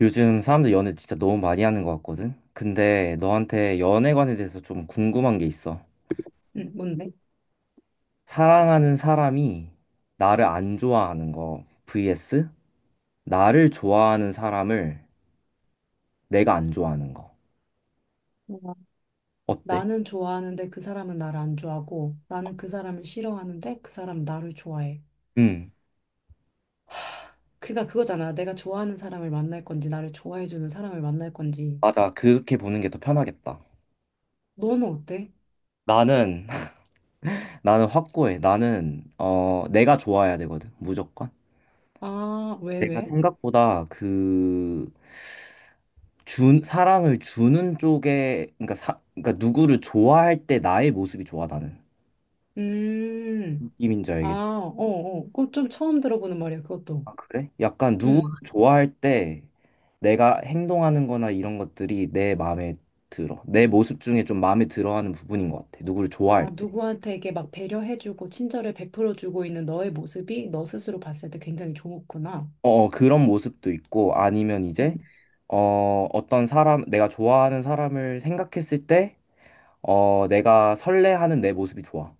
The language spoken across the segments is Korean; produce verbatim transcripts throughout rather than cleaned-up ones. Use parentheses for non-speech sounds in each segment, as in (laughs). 요즘 사람들 연애 진짜 너무 많이 하는 것 같거든? 근데 너한테 연애관에 대해서 좀 궁금한 게 있어. 응, 뭔데? 사랑하는 사람이 나를 안 좋아하는 거 vs 나를 좋아하는 사람을 내가 안 좋아하는 거. 와. 어때? 나는 좋아하는데 그 사람은 나를 안 좋아하고, 나는 그 사람을 싫어하는데 그 사람은 나를 좋아해. 응. 그가 그거잖아. 내가 좋아하는 사람을 만날 건지, 나를 좋아해주는 사람을 만날 건지. 맞아. 그렇게 보는 게 더 편하겠다. 너는 어때? 나는, (laughs) 나는 확고해. 나는, 어, 내가 좋아해야 되거든. 무조건. 아, 왜, 내가 왜? 생각보다 그, 준 사랑을 주는 쪽에 그러니까 사 그러니까 누구를 좋아할 때 나의 모습이 좋아 나는 음, 느낌인지 아, 알겠지? 어, 어. 그거 좀 처음 들어보는 말이야, 그것도. 아, 그래? 약간 누구를 음. 좋아할 때 내가 행동하는 거나 이런 것들이 내 마음에 들어 내 모습 중에 좀 마음에 들어 하는 부분인 것 같아 누구를 좋아할 아, 때 누구한테게 막 배려해주고, 친절을 베풀어주고 있는 너의 모습이 너 스스로 봤을 때 굉장히 좋았구나. 어, 어, 그런 모습도 있고 아니면 이제 음. 어, 어떤 사람 내가 좋아하는 사람을 생각했을 때 어, 내가 설레하는 내 모습이 좋아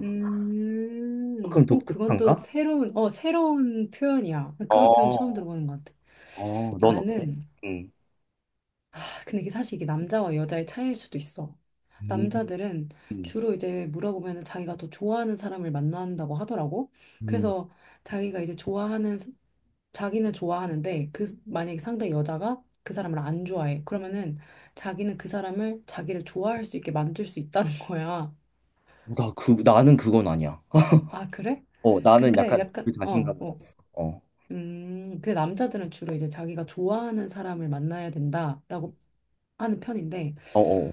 음, 조금 어, 그건 또 독특한가? 새로운, 어, 새로운 표현이야. 그런 표현 처음 어, 들어보는 것 같아. 어, 넌 어때? 나는, 응. 근데 이게 사실 이게 남자와 여자의 차이일 수도 있어. 음, 남자들은 음. 주로 이제 물어보면 자기가 더 좋아하는 사람을 만난다고 하더라고. 음. 그래서 자기가 이제 좋아하는, 스- 자기는 좋아하는데 그, 스- 만약에 상대 여자가 그 사람을 안 좋아해. 그러면은 자기는 그 사람을 자기를 좋아할 수 있게 만들 수 있다는 (laughs) 거야. 나 그, 나는 그건 아니야. 아, 그래? 어, 나는 근데 약간 그 약간, 어, 자신감이 어. 없어. 어, 음, 근데 남자들은 주로 이제 자기가 좋아하는 사람을 만나야 된다라고 하는 편인데, 어, 어.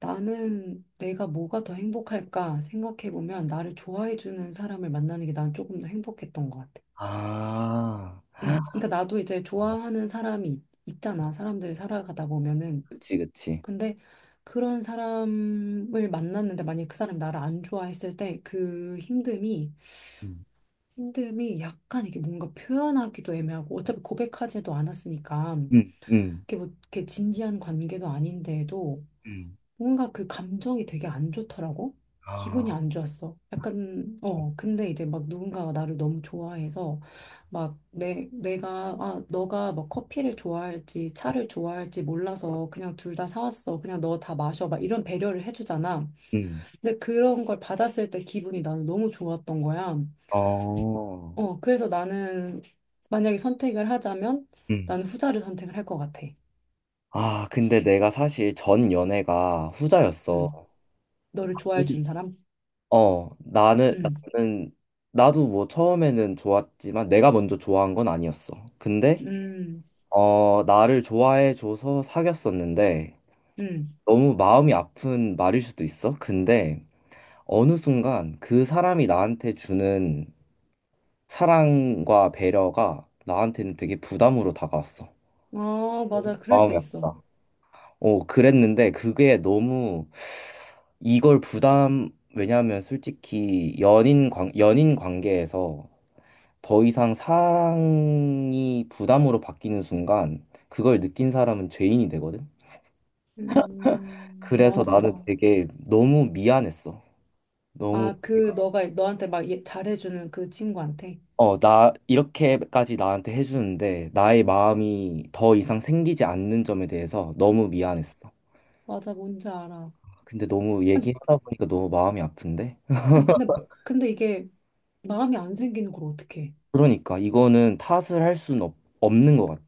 나는 내가 뭐가 더 행복할까 생각해보면 나를 좋아해주는 사람을 만나는 게 난 조금 더 행복했던 것 같아. 아, 응. 그러니까 나도 이제 어, 좋아하는 사람이 있- 있잖아. 사람들 살아가다 보면은. 그치, 그치. 근데 그런 사람을 만났는데 만약에 그 사람이 나를 안 좋아했을 때 그 힘듦이, 음. 힘듦이 약간 이게 뭔가 표현하기도 애매하고, 어차피 고백하지도 않았으니까 음, 음, 이게 뭐 이렇게 진지한 관계도 아닌데도 음. 뭔가 그 감정이 되게 안 좋더라고. 기분이 아, 안 좋았어. 약간, 어, 근데 이제 막 누군가가 나를 너무 좋아해서 막 내, 내가, 아, 너가 막 커피를 좋아할지 차를 좋아할지 몰라서 그냥 둘 다 사왔어. 그냥 너 다 마셔. 막 이런 배려를 해주잖아. 음, 근데 그런 걸 받았을 때 기분이 나는 너무 좋았던 거야. 어, 어, 그래서 나는 만약에 선택을 하자면 음. 나는 후자를 선택을 할 것 같아. 아, 근데 내가 사실 전 연애가 후자였어. 음, 너를 좋아해 음. 준 사람? 어, 나는, 음, 나는, 나도 뭐 처음에는 좋았지만 내가 먼저 좋아한 건 아니었어. 근데, 음, 어, 나를 좋아해줘서 사귀었었는데, 음. 너무 마음이 아픈 말일 수도 있어. 근데 어느 순간 그 사람이 나한테 주는 사랑과 배려가 나한테는 되게 부담으로 다가왔어. 아, 너무 맞아. 그럴 때 마음이 있어. 아프다. 어, 그랬는데 그게 너무 이걸 부담, 왜냐하면 솔직히 연인 관, 연인 관계에서 더 이상 사랑이 부담으로 바뀌는 순간 그걸 느낀 사람은 죄인이 되거든. 음, 그래서 나는 맞아. 되게 너무 미안했어. 너무 아, 그, 너가, 너한테 막 얘- 잘해주는 그 친구한테. 어, 나, 이렇게까지 나한테 해주는데, 나의 마음이 더 이상 생기지 않는 점에 대해서 너무 미안했어. 맞아, 뭔지 알아. 근데 너무 아니, 얘기하다 보니까 너무 마음이 아픈데? 아니, 근데, 근데 이게 마음이 안 생기는 걸 어떡해. 그러니까, 이거는 탓을 할 수는 없, 없는 것 같아.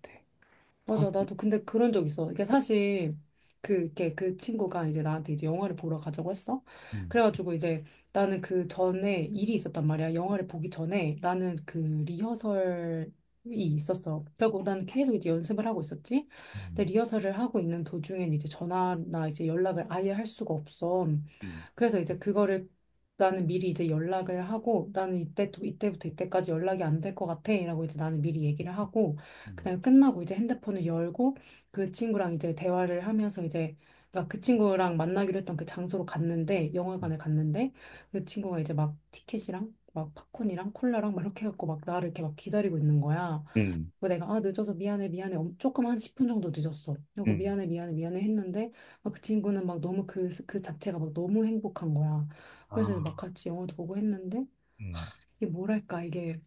탓. 맞아. 나도 근데 그런 적 있어. 이게 사실 그, 이렇게 그 친구가 이제 나한테 이제 영화를 보러 가자고 했어. 음, 그래가지고 이제 나는 그 전에 일이 있었단 말이야. 영화를 보기 전에 나는 그 리허설이 있었어. 그리고 난 계속 이제 연습을 하고 있었지. 근데 음, 리허설을 하고 있는 도중엔 이제 전화나 이제 연락을 아예 할 수가 없어. 음, 그래서 이제 그거를 나는 미리 이제 연락을 하고, 나는 이때 또 이때부터 이때까지 연락이 안될 것 같아 라고 이제 나는 미리 얘기를 하고, 음, 그다음에 끝나고 이제 핸드폰을 열고 그 친구랑 이제 대화를 하면서 이제, 그러니까 그 친구랑 만나기로 했던 그 장소로 갔는데, 음, 영화관에 갔는데 그 친구가 이제 막 티켓이랑 막 팝콘이랑 콜라랑 막 이렇게 해갖고 막 나를 이렇게 막 기다리고 있는 거야. 음, 뭐 내가 아 늦어서 미안해 미안해 엄- 조금 한 십 분 정도 늦었어. 그리고 음. 미안해 미안해 미안해 했는데, 막 그 친구는 막 너무 그, 그 자체가 막 너무 행복한 거야. 아, 그래서 이제 막 같이 영화도 보고 했는데 음, 이게 뭐랄까, 이게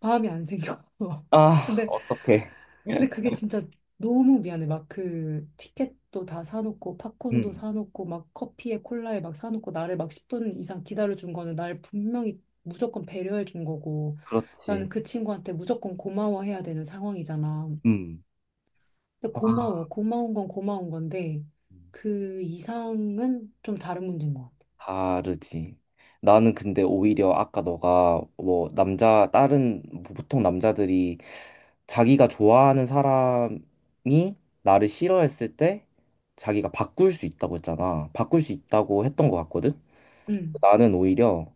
마음이 안 생겨. (laughs) 아, 근데, 어떡해. 근데 그게 진짜 너무 미안해. 막 그 티켓도 다 사놓고, 팝콘도 음, 사놓고, 막 커피에 콜라에 막 사놓고 나를 막 십 분 이상 기다려준 거는 날 분명히 무조건 배려해 준 거고, 그렇지. 나는 그 친구한테 무조건 고마워해야 되는 상황이잖아. 음, 근데 아. 고마워. 고마운 건 고마운 건데, 음. 그 이상은 좀 다른 문제인 것 같아. 다르지. 나는 근데 오히려 아까 너가 뭐 남자 다른 뭐 보통 남자들이 자기가 좋아하는 사람이 나를 싫어했을 때 자기가 바꿀 수 있다고 했잖아. 바꿀 수 있다고 했던 것 같거든. 응. 나는 오히려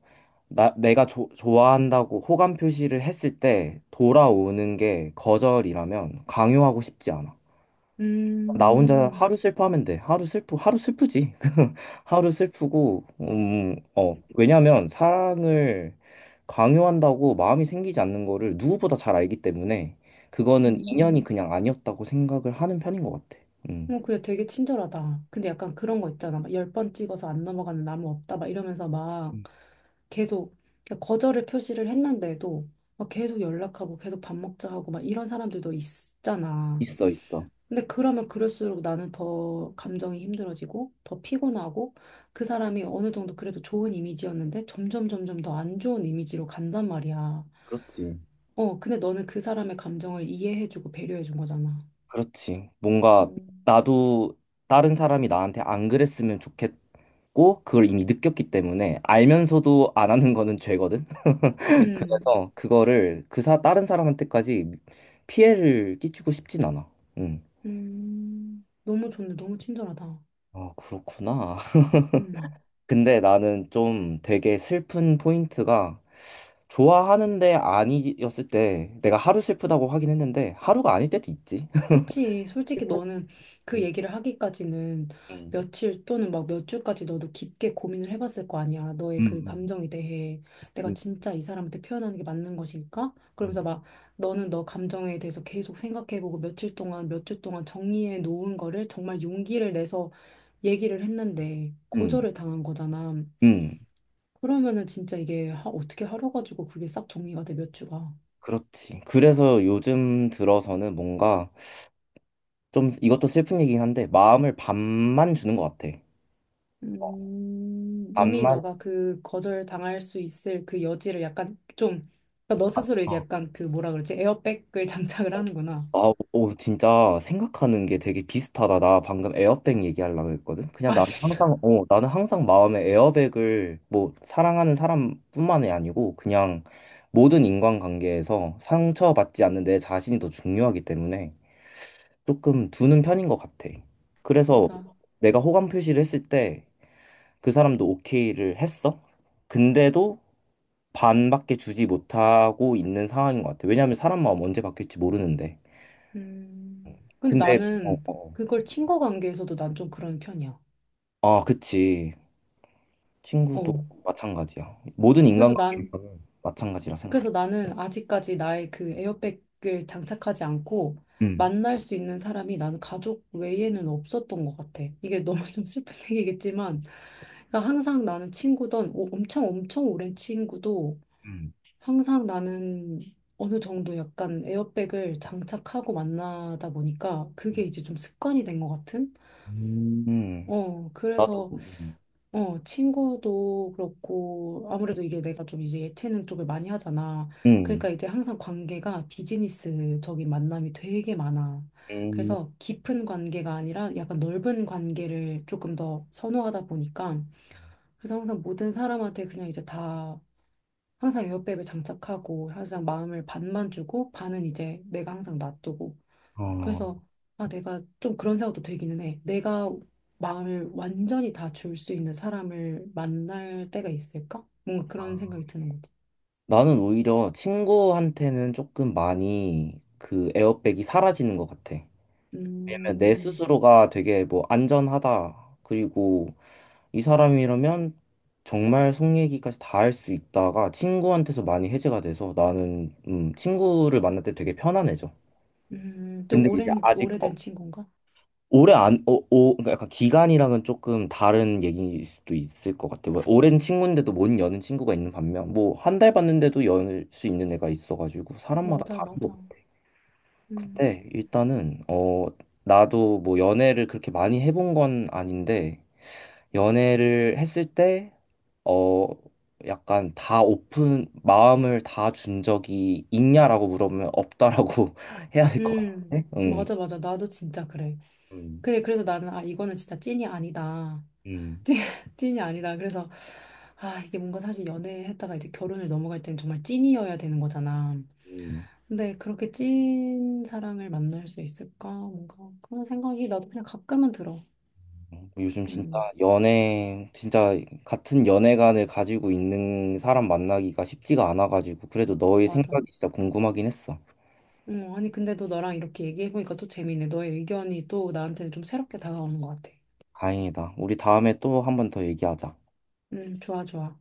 나 내가 조- 좋아한다고 호감 표시를 했을 때 돌아오는 게 거절이라면 강요하고 싶지 않아. 나 혼자 음, 하루 슬퍼하면 돼. 하루 슬프, 하루 슬프지. (laughs) 하루 슬프고, 음, 어, 왜냐면 사랑을 강요한다고 마음이 생기지 않는 거를 누구보다 잘 알기 때문에 그거는 음. 인연이 그냥 아니었다고 생각을 하는 편인 것 같아. 음, 어, 그냥 되게 친절하다. 근데 약간 그런 거 있잖아. 막 열 번 찍어서 안 넘어가는 나무 없다. 막 이러면서 막 음, 계속, 그러니까 거절을 표시를 했는데도 막 계속 연락하고 계속 밥 먹자 하고 막 이런 사람들도 있잖아. 있어, 있어. 근데 그러면 그럴수록 나는 더 감정이 힘들어지고 더 피곤하고, 그 사람이 어느 정도 그래도 좋은 이미지였는데 점점 점점 더 안 좋은 이미지로 간단 말이야. 그렇지. 어, 근데 너는 그 사람의 감정을 이해해주고 배려해준 거잖아. 그렇지. 뭔가 음. 나도 다른 사람이 나한테 안 그랬으면 좋겠고, 그걸 이미 느꼈기 때문에 알면서도 안 하는 거는 죄거든. 음, 그래서 그거를 그 사, 다른 사람한테까지 피해를 끼치고 싶진 않아. 응. 음, 너무 좋네. 너무 친절하다. 아, 그렇구나. (laughs) 음. 근데 나는 좀 되게 슬픈 포인트가 좋아하는데 아니었을 때 내가 하루 슬프다고 하긴 했는데 하루가 아닐 때도 있지. (laughs) 그치. 솔직히 너는 그 음, 얘기를 하기까지는 음, 며칠 또는 막 몇 주까지 너도 깊게 고민을 해봤을 거 아니야. 너의 그 음, 감정에 대해 내가 음, 진짜 이 사람한테 표현하는 게 맞는 것일까? 그러면서 막 너는 너 감정에 대해서 계속 생각해보고 며칠 동안, 몇 주 동안 정리해 놓은 거를 정말 용기를 내서 얘기를 했는데 음, 거절을 당한 거잖아. 음. 그러면은 진짜 이게 하- 어떻게 하루 가지고 그게 싹 정리가 돼, 몇 주가. 그렇지. 그래서 요즘 들어서는 뭔가 좀 이것도 슬픈 얘기긴 한데 마음을 반만 주는 것 같아. 음, 이미 반만. 너가 그 거절 당할 수 있을 그 여지를 약간 좀, 그러니까 너 스스로 이제 어. 약간 그 뭐라 그러지? 에어백을 (laughs) 장착을 하는구나. 아, 오, 진짜 생각하는 게 되게 비슷하다. 나 방금 에어백 얘기하려고 했거든. 그냥 아, 나는 진짜. 항상, 어, 나는 항상 마음에 에어백을 뭐 사랑하는 사람뿐만이 아니고 그냥 모든 인간관계에서 상처받지 않는 내 자신이 더 중요하기 때문에 조금 두는 편인 것 같아. (laughs) 그래서 맞아. 내가 호감 표시를 했을 때 그 사람도 오케이를 했어. 근데도 반밖에 주지 못하고 있는 상황인 것 같아. 왜냐하면 사람 마음 언제 바뀔지 모르는데. 음. 근데 근데 어, 어, 나는 어. 그걸 친구 관계에서도 난 좀 그런 편이야. 아, 그치. 친구도 어. 마찬가지야. 모든 그래서 난 인간관계에서는 마찬가지라 생각해. 그래서 나는 아직까지 나의 그 에어백을 장착하지 않고 응. 만날 수 있는 사람이 나는 가족 외에는 없었던 것 같아. 이게 너무 (laughs) 좀 슬픈 얘기겠지만, 그러니까 항상 나는 친구던 오- 엄청 엄청 오랜 친구도 응. 항상 나는 어느 정도 약간 에어백을 장착하고 만나다 보니까 그게 응. 이제 좀 습관이 된 것 같은? 음. 어, 나도, 그래서 응. 어, 친구도 그렇고, 아무래도 이게 내가 좀 이제 예체능 쪽을 많이 하잖아. 응. 그러니까 이제 항상 관계가 비즈니스적인 만남이 되게 많아. 음. 그래서 깊은 관계가 아니라 약간 넓은 관계를 조금 더 선호하다 보니까, 그래서 항상 모든 사람한테 그냥 이제 다, 항상 에어백을 장착하고, 항상 마음을 반만 주고, 반은 이제 내가 항상 놔두고, 어. 그래서 아 내가 좀 그런 생각도 들기는 해. 내가 마음을 완전히 다 줄 수 있는 사람을 만날 때가 있을까? 뭔가 그런 생각이 드는 거지. 나는 오히려 친구한테는 조금 많이 그 에어백이 사라지는 것 같아. 왜냐면 내 음, 스스로가 되게 뭐 안전하다. 그리고 이 사람이라면 정말 속 얘기까지 다 할 수 있다가 친구한테서 많이 해제가 돼서 나는 음, 친구를 만날 때 되게 편안해져. 음, 좀 근데 이제 오랜 아직 어, 오래된 친구인가? 오래 안, 오 오, 그러니까 약간 기간이랑은 조금 다른 얘기일 수도 있을 것 같아요. 뭐 오랜 친구인데도 못 여는 친구가 있는 반면, 뭐 한 달 봤는데도 열 수 있는 애가 있어가지고 사람마다 맞아, 다른 것 맞아. 같아요. 근데 음, 일단은 어 나도 뭐 연애를 그렇게 많이 해본 건 아닌데 연애를 했을 때 어 약간 다 오픈 마음을 다 준 적이 있냐라고 물어보면 없다라고 (laughs) 해야 될 것 음, 같은데. 맞아, 응. 맞아. 나도 진짜 그래. 음. 그래, 그래서 나는 아 이거는 진짜 찐이 아니다. (laughs) 찐, 찐이 아니다. 그래서 아 이게 뭔가 사실 연애했다가 이제 결혼을 넘어갈 때는 정말 찐이어야 되는 거잖아. 음. 근데 그렇게 찐 사랑을 만날 수 있을까? 뭔가 그런 생각이 나도 그냥 가끔은 들어. 요즘 진짜 음, 연애, 진짜 같은 연애관을 가지고 있는 사람 만나기가 쉽지가 않아가지고, 그래도 너의 맞아. 생각이 진짜 궁금하긴 했어. 음, 아니 근데 또 너랑 이렇게 얘기해보니까 또 재밌네. 너의 의견이 또 나한테는 좀 새롭게 다가오는 것 같아. 다행이다. 우리 다음에 또 한 번 더 얘기하자. 음, 좋아, 좋아.